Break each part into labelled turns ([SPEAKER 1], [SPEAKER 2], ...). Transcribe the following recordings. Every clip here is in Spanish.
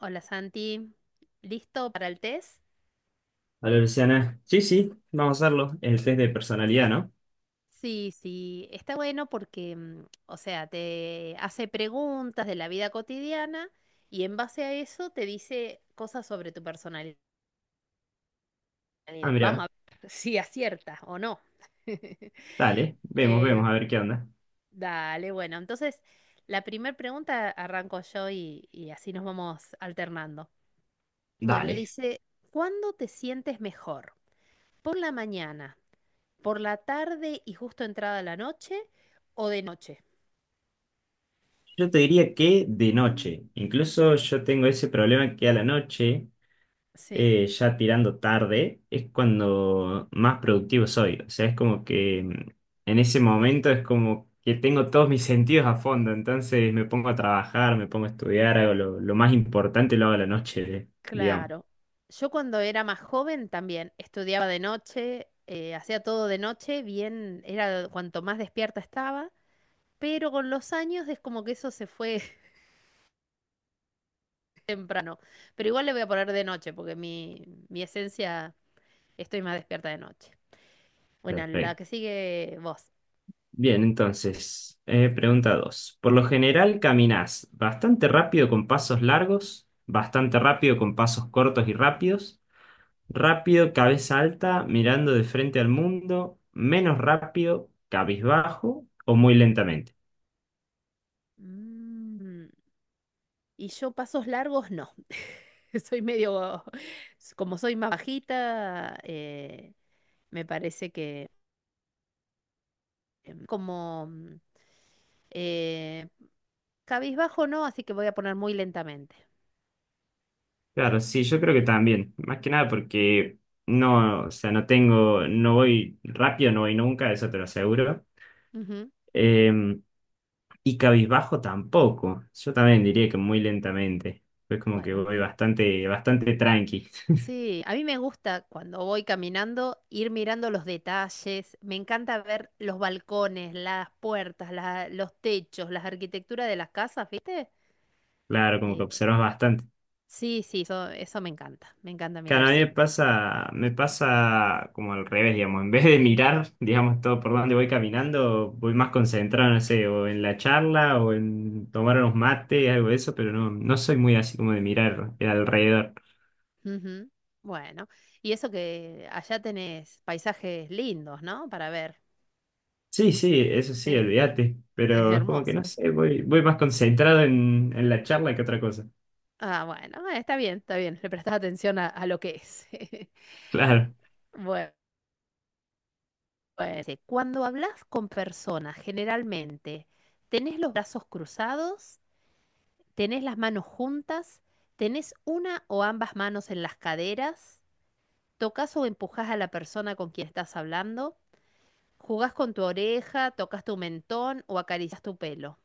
[SPEAKER 1] Hola Santi, ¿listo para el test?
[SPEAKER 2] Hola Luciana. Sí, sí, vamos a hacerlo. El test de personalidad, ¿no?
[SPEAKER 1] Sí, sí, está bueno porque, o sea, te hace preguntas de la vida cotidiana y en base a eso te dice cosas sobre tu personalidad.
[SPEAKER 2] Ah,
[SPEAKER 1] Vamos a
[SPEAKER 2] mira,
[SPEAKER 1] ver si aciertas o no.
[SPEAKER 2] dale, vemos,
[SPEAKER 1] Eh,
[SPEAKER 2] vemos, a ver qué onda.
[SPEAKER 1] dale, bueno, entonces la primera pregunta arranco yo y así nos vamos alternando. Bueno,
[SPEAKER 2] Dale.
[SPEAKER 1] dice, ¿cuándo te sientes mejor? ¿Por la mañana? ¿Por la tarde y justo entrada la noche o de noche?
[SPEAKER 2] Yo te diría que de noche. Incluso yo tengo ese problema que a la noche,
[SPEAKER 1] Sí,
[SPEAKER 2] ya tirando tarde, es cuando más productivo soy. O sea, es como que en ese momento es como que tengo todos mis sentidos a fondo. Entonces me pongo a trabajar, me pongo a estudiar, hago lo más importante, lo hago a la noche, digamos.
[SPEAKER 1] claro. Yo cuando era más joven también estudiaba de noche, hacía todo de noche, bien, era cuanto más despierta estaba, pero con los años es como que eso se fue temprano. Pero igual le voy a poner de noche porque mi esencia, estoy más despierta de noche. Bueno, la
[SPEAKER 2] Perfecto.
[SPEAKER 1] que sigue vos.
[SPEAKER 2] Bien, entonces, pregunta 2. Por lo general, ¿caminás bastante rápido con pasos largos, bastante rápido con pasos cortos y rápidos, rápido, cabeza alta, mirando de frente al mundo, menos rápido, cabizbajo o muy lentamente?
[SPEAKER 1] Mm, Y yo pasos largos no. Soy medio, como soy más bajita, me parece que em, como mm, eh, cabizbajo no, así que voy a poner muy lentamente.
[SPEAKER 2] Claro, sí, yo creo que también, más que nada porque no, o sea, no tengo, no voy rápido, no voy nunca, eso te lo aseguro.
[SPEAKER 1] Ujú.
[SPEAKER 2] Em, Y cabizbajo tampoco. Yo también diría que muy lentamente. Es como que
[SPEAKER 1] Bueno,
[SPEAKER 2] voy bastante, bastante tranqui.
[SPEAKER 1] sí, a mí me gusta cuando voy caminando ir mirando los detalles. Me encanta ver los balcones, las puertas, los techos, las arquitecturas de las casas, ¿viste?
[SPEAKER 2] Claro, como que
[SPEAKER 1] Eh,
[SPEAKER 2] observas bastante.
[SPEAKER 1] sí, sí, eso me encanta. Me encanta mirar
[SPEAKER 2] Claro, a mí
[SPEAKER 1] siempre.
[SPEAKER 2] me pasa como al revés, digamos. En vez de mirar, digamos, todo por donde voy caminando, voy más concentrado, no sé, o en la charla o en tomar unos mates, algo de eso, pero no, no soy muy así como de mirar el alrededor.
[SPEAKER 1] Ujú. Bueno, y eso que allá tenés paisajes lindos, ¿no? Para ver.
[SPEAKER 2] Sí, sí, eso sí,
[SPEAKER 1] Sí,
[SPEAKER 2] olvídate.
[SPEAKER 1] es
[SPEAKER 2] Pero es como que no
[SPEAKER 1] hermoso.
[SPEAKER 2] sé, voy, voy más concentrado en la charla que otra cosa.
[SPEAKER 1] Ah, bueno, está bien, está bien. Le prestás atención a lo que es.
[SPEAKER 2] Claro.
[SPEAKER 1] Bueno, bueno, dice, cuando hablas con personas, generalmente, ¿tenés los brazos cruzados? ¿Tenés las manos juntas? ¿Tenés una o ambas manos en las caderas? ¿Tocas o empujás a la persona con quien estás hablando? ¿Jugás con tu oreja? ¿Tocas tu mentón o acaricias tu pelo?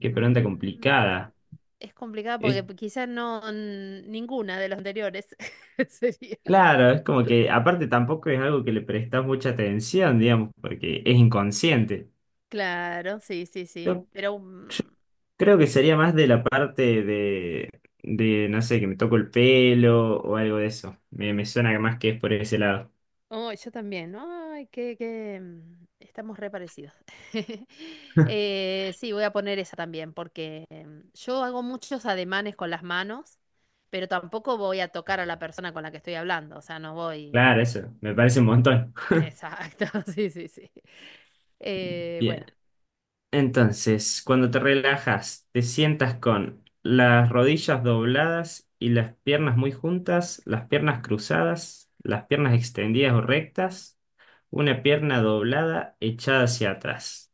[SPEAKER 2] Qué pregunta
[SPEAKER 1] Mm,
[SPEAKER 2] complicada.
[SPEAKER 1] es complicado
[SPEAKER 2] Es
[SPEAKER 1] porque quizás no n- ninguna de las anteriores sería.
[SPEAKER 2] claro, es como que aparte tampoco es algo que le prestas mucha atención, digamos, porque es inconsciente.
[SPEAKER 1] Claro, sí, sí, sí.
[SPEAKER 2] Yo
[SPEAKER 1] Pero
[SPEAKER 2] creo que sería más de la parte de no sé, que me toco el pelo o algo de eso. Me suena más que es por ese lado.
[SPEAKER 1] oh, yo también. Ay, estamos re parecidos. Sí, voy a poner esa también porque yo hago muchos ademanes con las manos, pero tampoco voy a tocar a la persona con la que estoy hablando. O sea, no voy.
[SPEAKER 2] Claro, eso, me parece un montón.
[SPEAKER 1] Exacto, sí, sí, sí. Bueno.
[SPEAKER 2] Bien, entonces, cuando te relajas, te sientas con las rodillas dobladas y las piernas muy juntas, las piernas cruzadas, las piernas extendidas o rectas. Una pierna doblada echada hacia atrás.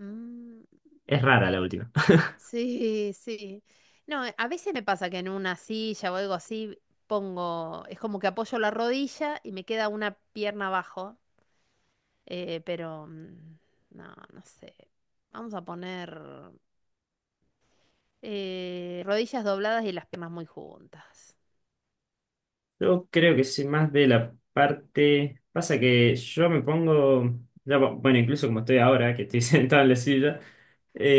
[SPEAKER 1] Mm,
[SPEAKER 2] Es rara la última.
[SPEAKER 1] sí, sí. No, a veces me pasa que en una silla o algo así pongo, es como que apoyo la rodilla y me queda una pierna abajo, eh, pero mm, no, no sé. Vamos a poner rodillas dobladas y las piernas muy juntas.
[SPEAKER 2] Yo creo que soy más de la parte... Pasa que yo me pongo... ya, bueno, incluso como estoy ahora, que estoy sentado en la silla,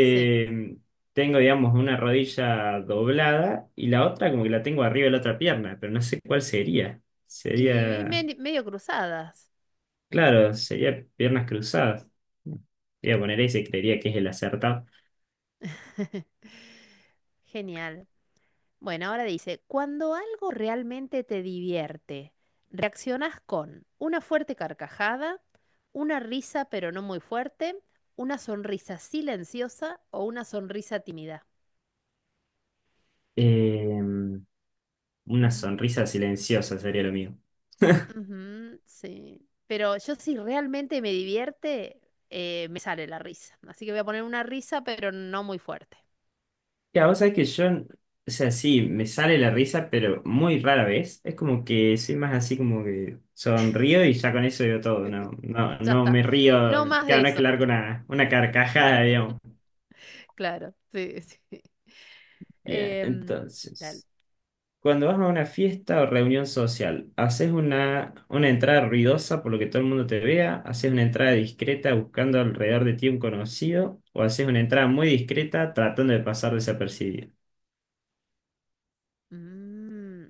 [SPEAKER 1] Sí.
[SPEAKER 2] tengo, digamos, una rodilla doblada y la otra como que la tengo arriba de la otra pierna, pero no sé cuál sería. Sería...
[SPEAKER 1] Medio cruzadas.
[SPEAKER 2] Claro, sería piernas cruzadas. Voy a poner ese, creería que es el acertado.
[SPEAKER 1] Genial. Bueno, ahora dice, cuando algo realmente te divierte, reaccionas con una fuerte carcajada, una risa pero no muy fuerte, una sonrisa silenciosa o una sonrisa tímida.
[SPEAKER 2] Eh, una
[SPEAKER 1] Mm,
[SPEAKER 2] sonrisa silenciosa sería lo mío.
[SPEAKER 1] ujú, sí. Pero yo si realmente me divierte, me sale la risa. Así que voy a poner una risa pero no muy fuerte.
[SPEAKER 2] Ya, vos sabés que yo, o sea, sí, me sale la risa, pero muy rara vez. Es como que soy más así como que sonrío y ya con eso digo todo. No, no,
[SPEAKER 1] Ya
[SPEAKER 2] no
[SPEAKER 1] está.
[SPEAKER 2] me río.
[SPEAKER 1] No más de
[SPEAKER 2] Claro, no es que
[SPEAKER 1] eso.
[SPEAKER 2] largo una carcajada, digamos.
[SPEAKER 1] Claro, sí, sí.
[SPEAKER 2] Bien,
[SPEAKER 1] Em, dale.
[SPEAKER 2] entonces, cuando vas a una fiesta o reunión social, haces una entrada ruidosa por lo que todo el mundo te vea, haces una entrada discreta buscando alrededor de ti un conocido, o haces una entrada muy discreta tratando de pasar desapercibido.
[SPEAKER 1] Mm,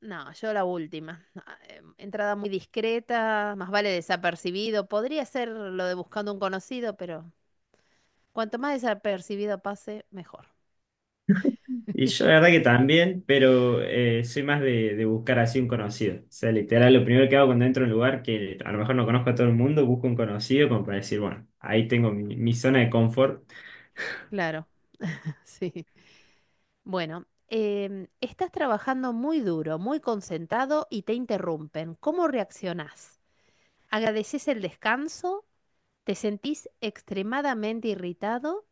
[SPEAKER 1] no, yo la última. Ah, entrada muy discreta, más vale desapercibido. Podría ser lo de buscando un conocido, pero cuanto más desapercibido pase, mejor.
[SPEAKER 2] Y yo la verdad que también, pero soy más de buscar así un conocido. O sea, literal, lo primero que hago cuando entro a un lugar que a lo mejor no conozco a todo el mundo, busco un conocido como para decir, bueno, ahí tengo mi, mi zona de confort.
[SPEAKER 1] Claro, sí. Bueno, em, estás trabajando muy duro, muy concentrado y te interrumpen. ¿Cómo reaccionás? ¿Agradeces el descanso? ¿Te sentís extremadamente irritado?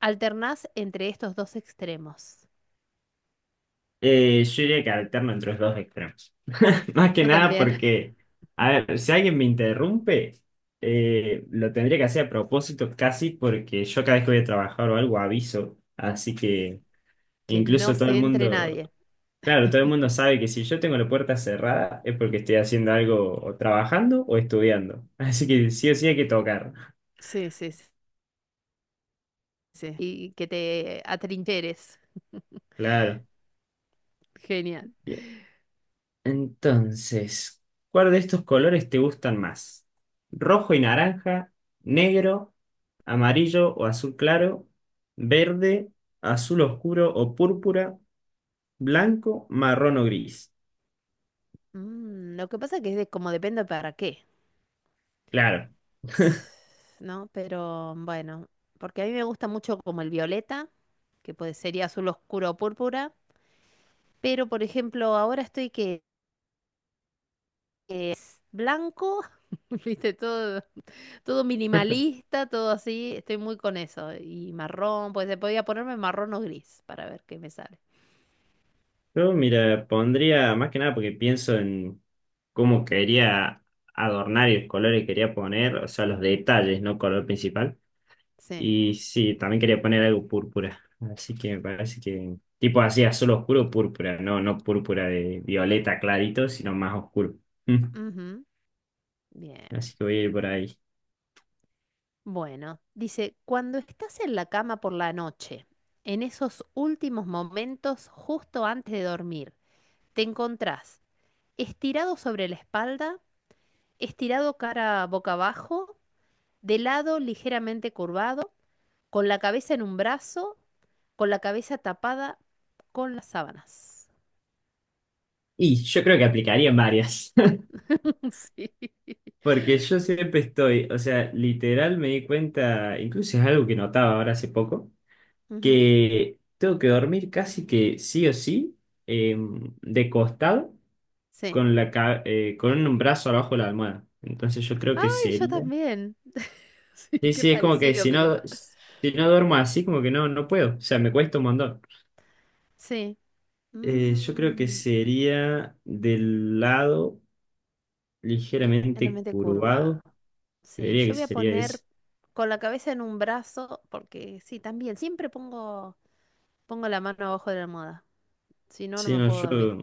[SPEAKER 1] ¿Alternás entre estos dos extremos?
[SPEAKER 2] Yo diría que alterno entre los dos extremos. Más que
[SPEAKER 1] Yo
[SPEAKER 2] nada
[SPEAKER 1] también,
[SPEAKER 2] porque, a ver, si alguien me interrumpe, lo tendría que hacer a propósito casi porque yo cada vez que voy a trabajar o algo aviso. Así que
[SPEAKER 1] que no
[SPEAKER 2] incluso todo el
[SPEAKER 1] se entre
[SPEAKER 2] mundo...
[SPEAKER 1] nadie.
[SPEAKER 2] Claro, todo el mundo sabe que si yo tengo la puerta cerrada es porque estoy haciendo algo o trabajando o estudiando. Así que sí o sí hay que tocar.
[SPEAKER 1] Sí, sí, sí. Sí. Y que te atrincheres.
[SPEAKER 2] Claro.
[SPEAKER 1] Genial.
[SPEAKER 2] Bien. Entonces, ¿cuál de estos colores te gustan más? ¿Rojo y naranja? ¿Negro? ¿Amarillo o azul claro? ¿Verde? ¿Azul oscuro o púrpura? ¿Blanco? ¿Marrón o gris?
[SPEAKER 1] Mm, lo que pasa que es de, como depende para qué,
[SPEAKER 2] Claro.
[SPEAKER 1] ¿no? Pero bueno, porque a mí me gusta mucho como el violeta, que puede sería azul oscuro o púrpura, pero por ejemplo ahora estoy que es blanco, viste, todo, todo minimalista, todo así, estoy muy con eso. Y marrón, pues se podía ponerme marrón o gris para ver qué me sale.
[SPEAKER 2] Yo, mira, pondría más que nada porque pienso en cómo quería adornar y los colores que quería poner, o sea, los detalles, no color principal.
[SPEAKER 1] Sí.
[SPEAKER 2] Y sí, también quería poner algo púrpura. Así que me parece que, tipo así, azul oscuro, púrpura, no, no púrpura de violeta clarito, sino más oscuro. Mm.
[SPEAKER 1] Ujú. Bien.
[SPEAKER 2] Así que voy a ir por ahí.
[SPEAKER 1] Bueno, dice, cuando estás en la cama por la noche, en esos últimos momentos justo antes de dormir, te encontrás estirado sobre la espalda, estirado cara boca abajo, de lado ligeramente curvado, con la cabeza en un brazo, con la cabeza tapada con las sábanas.
[SPEAKER 2] Y yo creo que aplicaría en varias.
[SPEAKER 1] Sí.
[SPEAKER 2] Porque yo siempre estoy, o sea, literal me di cuenta, incluso es algo que notaba ahora hace poco
[SPEAKER 1] Ujú.
[SPEAKER 2] que tengo que dormir casi que sí o sí, eh, de costado,
[SPEAKER 1] Sí.
[SPEAKER 2] con con un brazo abajo de la almohada. Entonces yo creo que
[SPEAKER 1] Ay, yo
[SPEAKER 2] sería...
[SPEAKER 1] también. Sí,
[SPEAKER 2] Sí,
[SPEAKER 1] qué
[SPEAKER 2] sí, es como que
[SPEAKER 1] parecido
[SPEAKER 2] si
[SPEAKER 1] que eso.
[SPEAKER 2] no, si no duermo así, como que no, no puedo. O sea, me cuesta un montón.
[SPEAKER 1] Sí.
[SPEAKER 2] Yo creo que
[SPEAKER 1] Mm,
[SPEAKER 2] sería del lado ligeramente
[SPEAKER 1] realmente
[SPEAKER 2] curvado.
[SPEAKER 1] curvado. Sí,
[SPEAKER 2] Creería
[SPEAKER 1] yo
[SPEAKER 2] que
[SPEAKER 1] voy a
[SPEAKER 2] sería ese.
[SPEAKER 1] poner con la cabeza en un brazo, porque sí, también, pongo la mano abajo de la almohada, si no, no
[SPEAKER 2] Sí,
[SPEAKER 1] me
[SPEAKER 2] no,
[SPEAKER 1] puedo
[SPEAKER 2] yo,
[SPEAKER 1] dormir.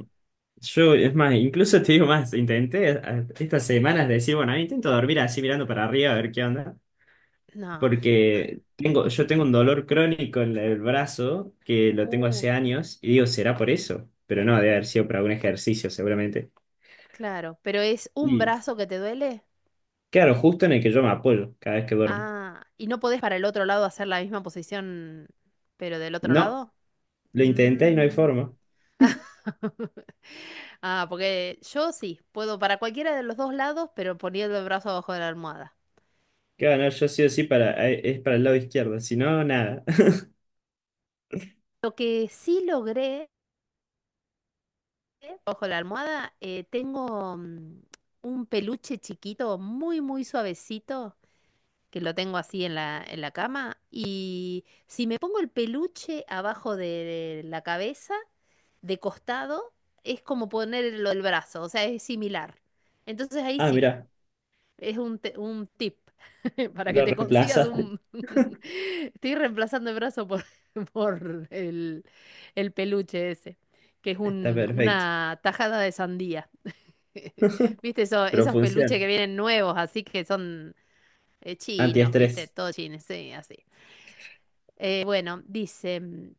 [SPEAKER 2] yo, es más, incluso te digo más, intenté estas semanas decir, bueno, intento dormir así mirando para arriba a ver qué onda.
[SPEAKER 1] No,
[SPEAKER 2] Porque tengo, yo tengo un dolor crónico en el brazo que lo tengo
[SPEAKER 1] uh,
[SPEAKER 2] hace años y digo, ¿será por eso? Pero no, debe haber sido por algún ejercicio seguramente.
[SPEAKER 1] claro, pero es un
[SPEAKER 2] Y
[SPEAKER 1] brazo que te duele.
[SPEAKER 2] claro, justo en el que yo me apoyo cada vez que duermo.
[SPEAKER 1] Ah, ¿y no podés para el otro lado hacer la misma posición, pero del otro
[SPEAKER 2] No,
[SPEAKER 1] lado?
[SPEAKER 2] lo intenté y no hay
[SPEAKER 1] Mm.
[SPEAKER 2] forma.
[SPEAKER 1] Ah, porque yo sí, puedo para cualquiera de los dos lados, pero poniendo el brazo abajo de la almohada.
[SPEAKER 2] Claro no, yo sí o sí para, es para el lado izquierdo, si no, nada.
[SPEAKER 1] Lo que sí logré, ojo la almohada, tengo un peluche chiquito, muy, muy suavecito, que lo tengo así en en la cama. Y si me pongo el peluche abajo de la cabeza, de costado, es como ponerlo el brazo, o sea, es similar. Entonces ahí
[SPEAKER 2] Ah,
[SPEAKER 1] sí,
[SPEAKER 2] mira,
[SPEAKER 1] es un tip para que
[SPEAKER 2] lo
[SPEAKER 1] te consigas
[SPEAKER 2] reemplazaste,
[SPEAKER 1] un... Estoy reemplazando el brazo por, por el peluche ese, que es
[SPEAKER 2] está perfecto.
[SPEAKER 1] una tajada de sandía. Viste
[SPEAKER 2] Pero
[SPEAKER 1] esos peluches
[SPEAKER 2] funciona.
[SPEAKER 1] que vienen nuevos, así que son chinos, viste,
[SPEAKER 2] Antiestrés.
[SPEAKER 1] todos chinos, sí, así. Bueno, dice,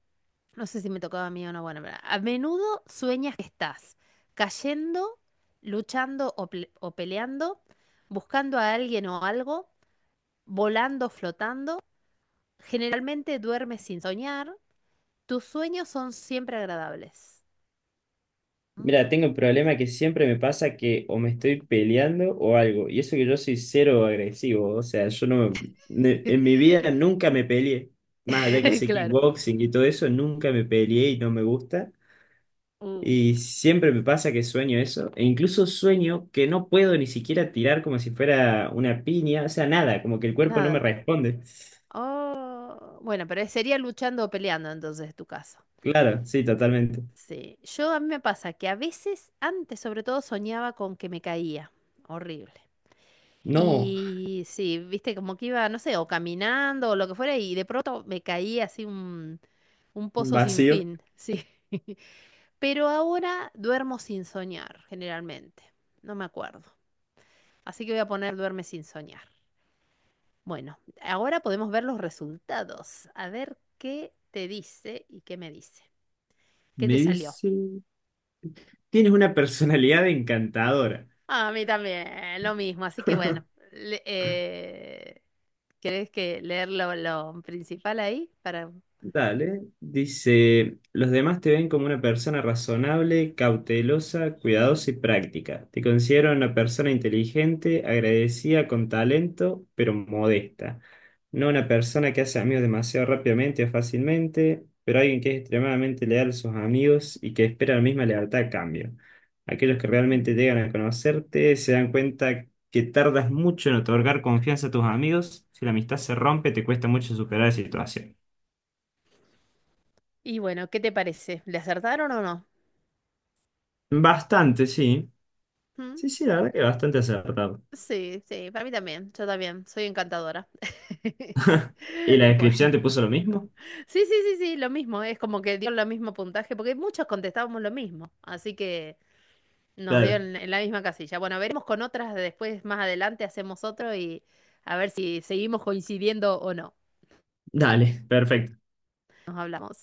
[SPEAKER 1] no sé si me tocaba a mí o no, bueno, pero a menudo sueñas que estás cayendo, luchando o peleando, buscando a alguien o algo, volando, flotando. Generalmente duermes sin soñar, tus sueños son siempre agradables.
[SPEAKER 2] Mira, tengo un
[SPEAKER 1] Mm.
[SPEAKER 2] problema que siempre me pasa que o me estoy peleando o algo. Y eso que yo soy cero agresivo. O sea, yo no, en mi vida nunca me peleé. Más allá que hice
[SPEAKER 1] Claro.
[SPEAKER 2] kickboxing y todo eso, nunca me peleé y no me gusta.
[SPEAKER 1] Uh,
[SPEAKER 2] Y siempre me pasa que sueño eso. E incluso sueño que no puedo ni siquiera tirar como si fuera una piña. O sea, nada, como que el cuerpo no me
[SPEAKER 1] nada.
[SPEAKER 2] responde.
[SPEAKER 1] Oh, bueno, pero sería luchando o peleando entonces tu caso.
[SPEAKER 2] Claro, sí, totalmente.
[SPEAKER 1] Sí, yo a mí me pasa que a veces, antes sobre todo, soñaba con que me caía. Horrible.
[SPEAKER 2] No,
[SPEAKER 1] Y sí, viste, como que iba, no sé, o caminando o lo que fuera, y de pronto me caía así un
[SPEAKER 2] un
[SPEAKER 1] pozo sin
[SPEAKER 2] vacío.
[SPEAKER 1] fin. Sí. Pero ahora duermo sin soñar, generalmente. No me acuerdo. Así que voy a poner duerme sin soñar. Bueno, ahora podemos ver los resultados. A ver qué te dice y qué me dice. ¿Qué
[SPEAKER 2] Me
[SPEAKER 1] te salió?
[SPEAKER 2] dice, tienes una personalidad encantadora.
[SPEAKER 1] A mí también, lo mismo. Así que bueno, le- eh, ¿querés que leer lo principal ahí? Para...
[SPEAKER 2] Dale, dice, los demás te ven como una persona razonable, cautelosa, cuidadosa y práctica. Te considero una persona inteligente, agradecida, con talento, pero modesta. No una persona que hace amigos demasiado rápidamente o fácilmente, pero alguien que es extremadamente leal a sus amigos y que espera la misma lealtad a cambio. Aquellos que realmente
[SPEAKER 1] Ujú.
[SPEAKER 2] llegan a conocerte se dan cuenta que tardas mucho en otorgar confianza a tus amigos. Si la amistad se rompe, te cuesta mucho superar la situación.
[SPEAKER 1] Y bueno, ¿qué te parece? ¿Le acertaron o no?
[SPEAKER 2] Bastante, sí.
[SPEAKER 1] ¿Mm?
[SPEAKER 2] Sí, sí, la verdad que bastante acertado.
[SPEAKER 1] Sí, sí, para mí también. Yo también, soy encantadora.
[SPEAKER 2] ¿Y la
[SPEAKER 1] Bueno.
[SPEAKER 2] descripción te puso lo mismo?
[SPEAKER 1] Sí, sí, sí, sí, lo mismo, es como que dio lo mismo puntaje, porque muchos contestábamos lo mismo, así que nos dio
[SPEAKER 2] Claro.
[SPEAKER 1] en la misma casilla. Bueno, veremos con otras, después más adelante hacemos otro y a ver si seguimos coincidiendo o no.
[SPEAKER 2] Dale, perfecto.
[SPEAKER 1] Nos hablamos.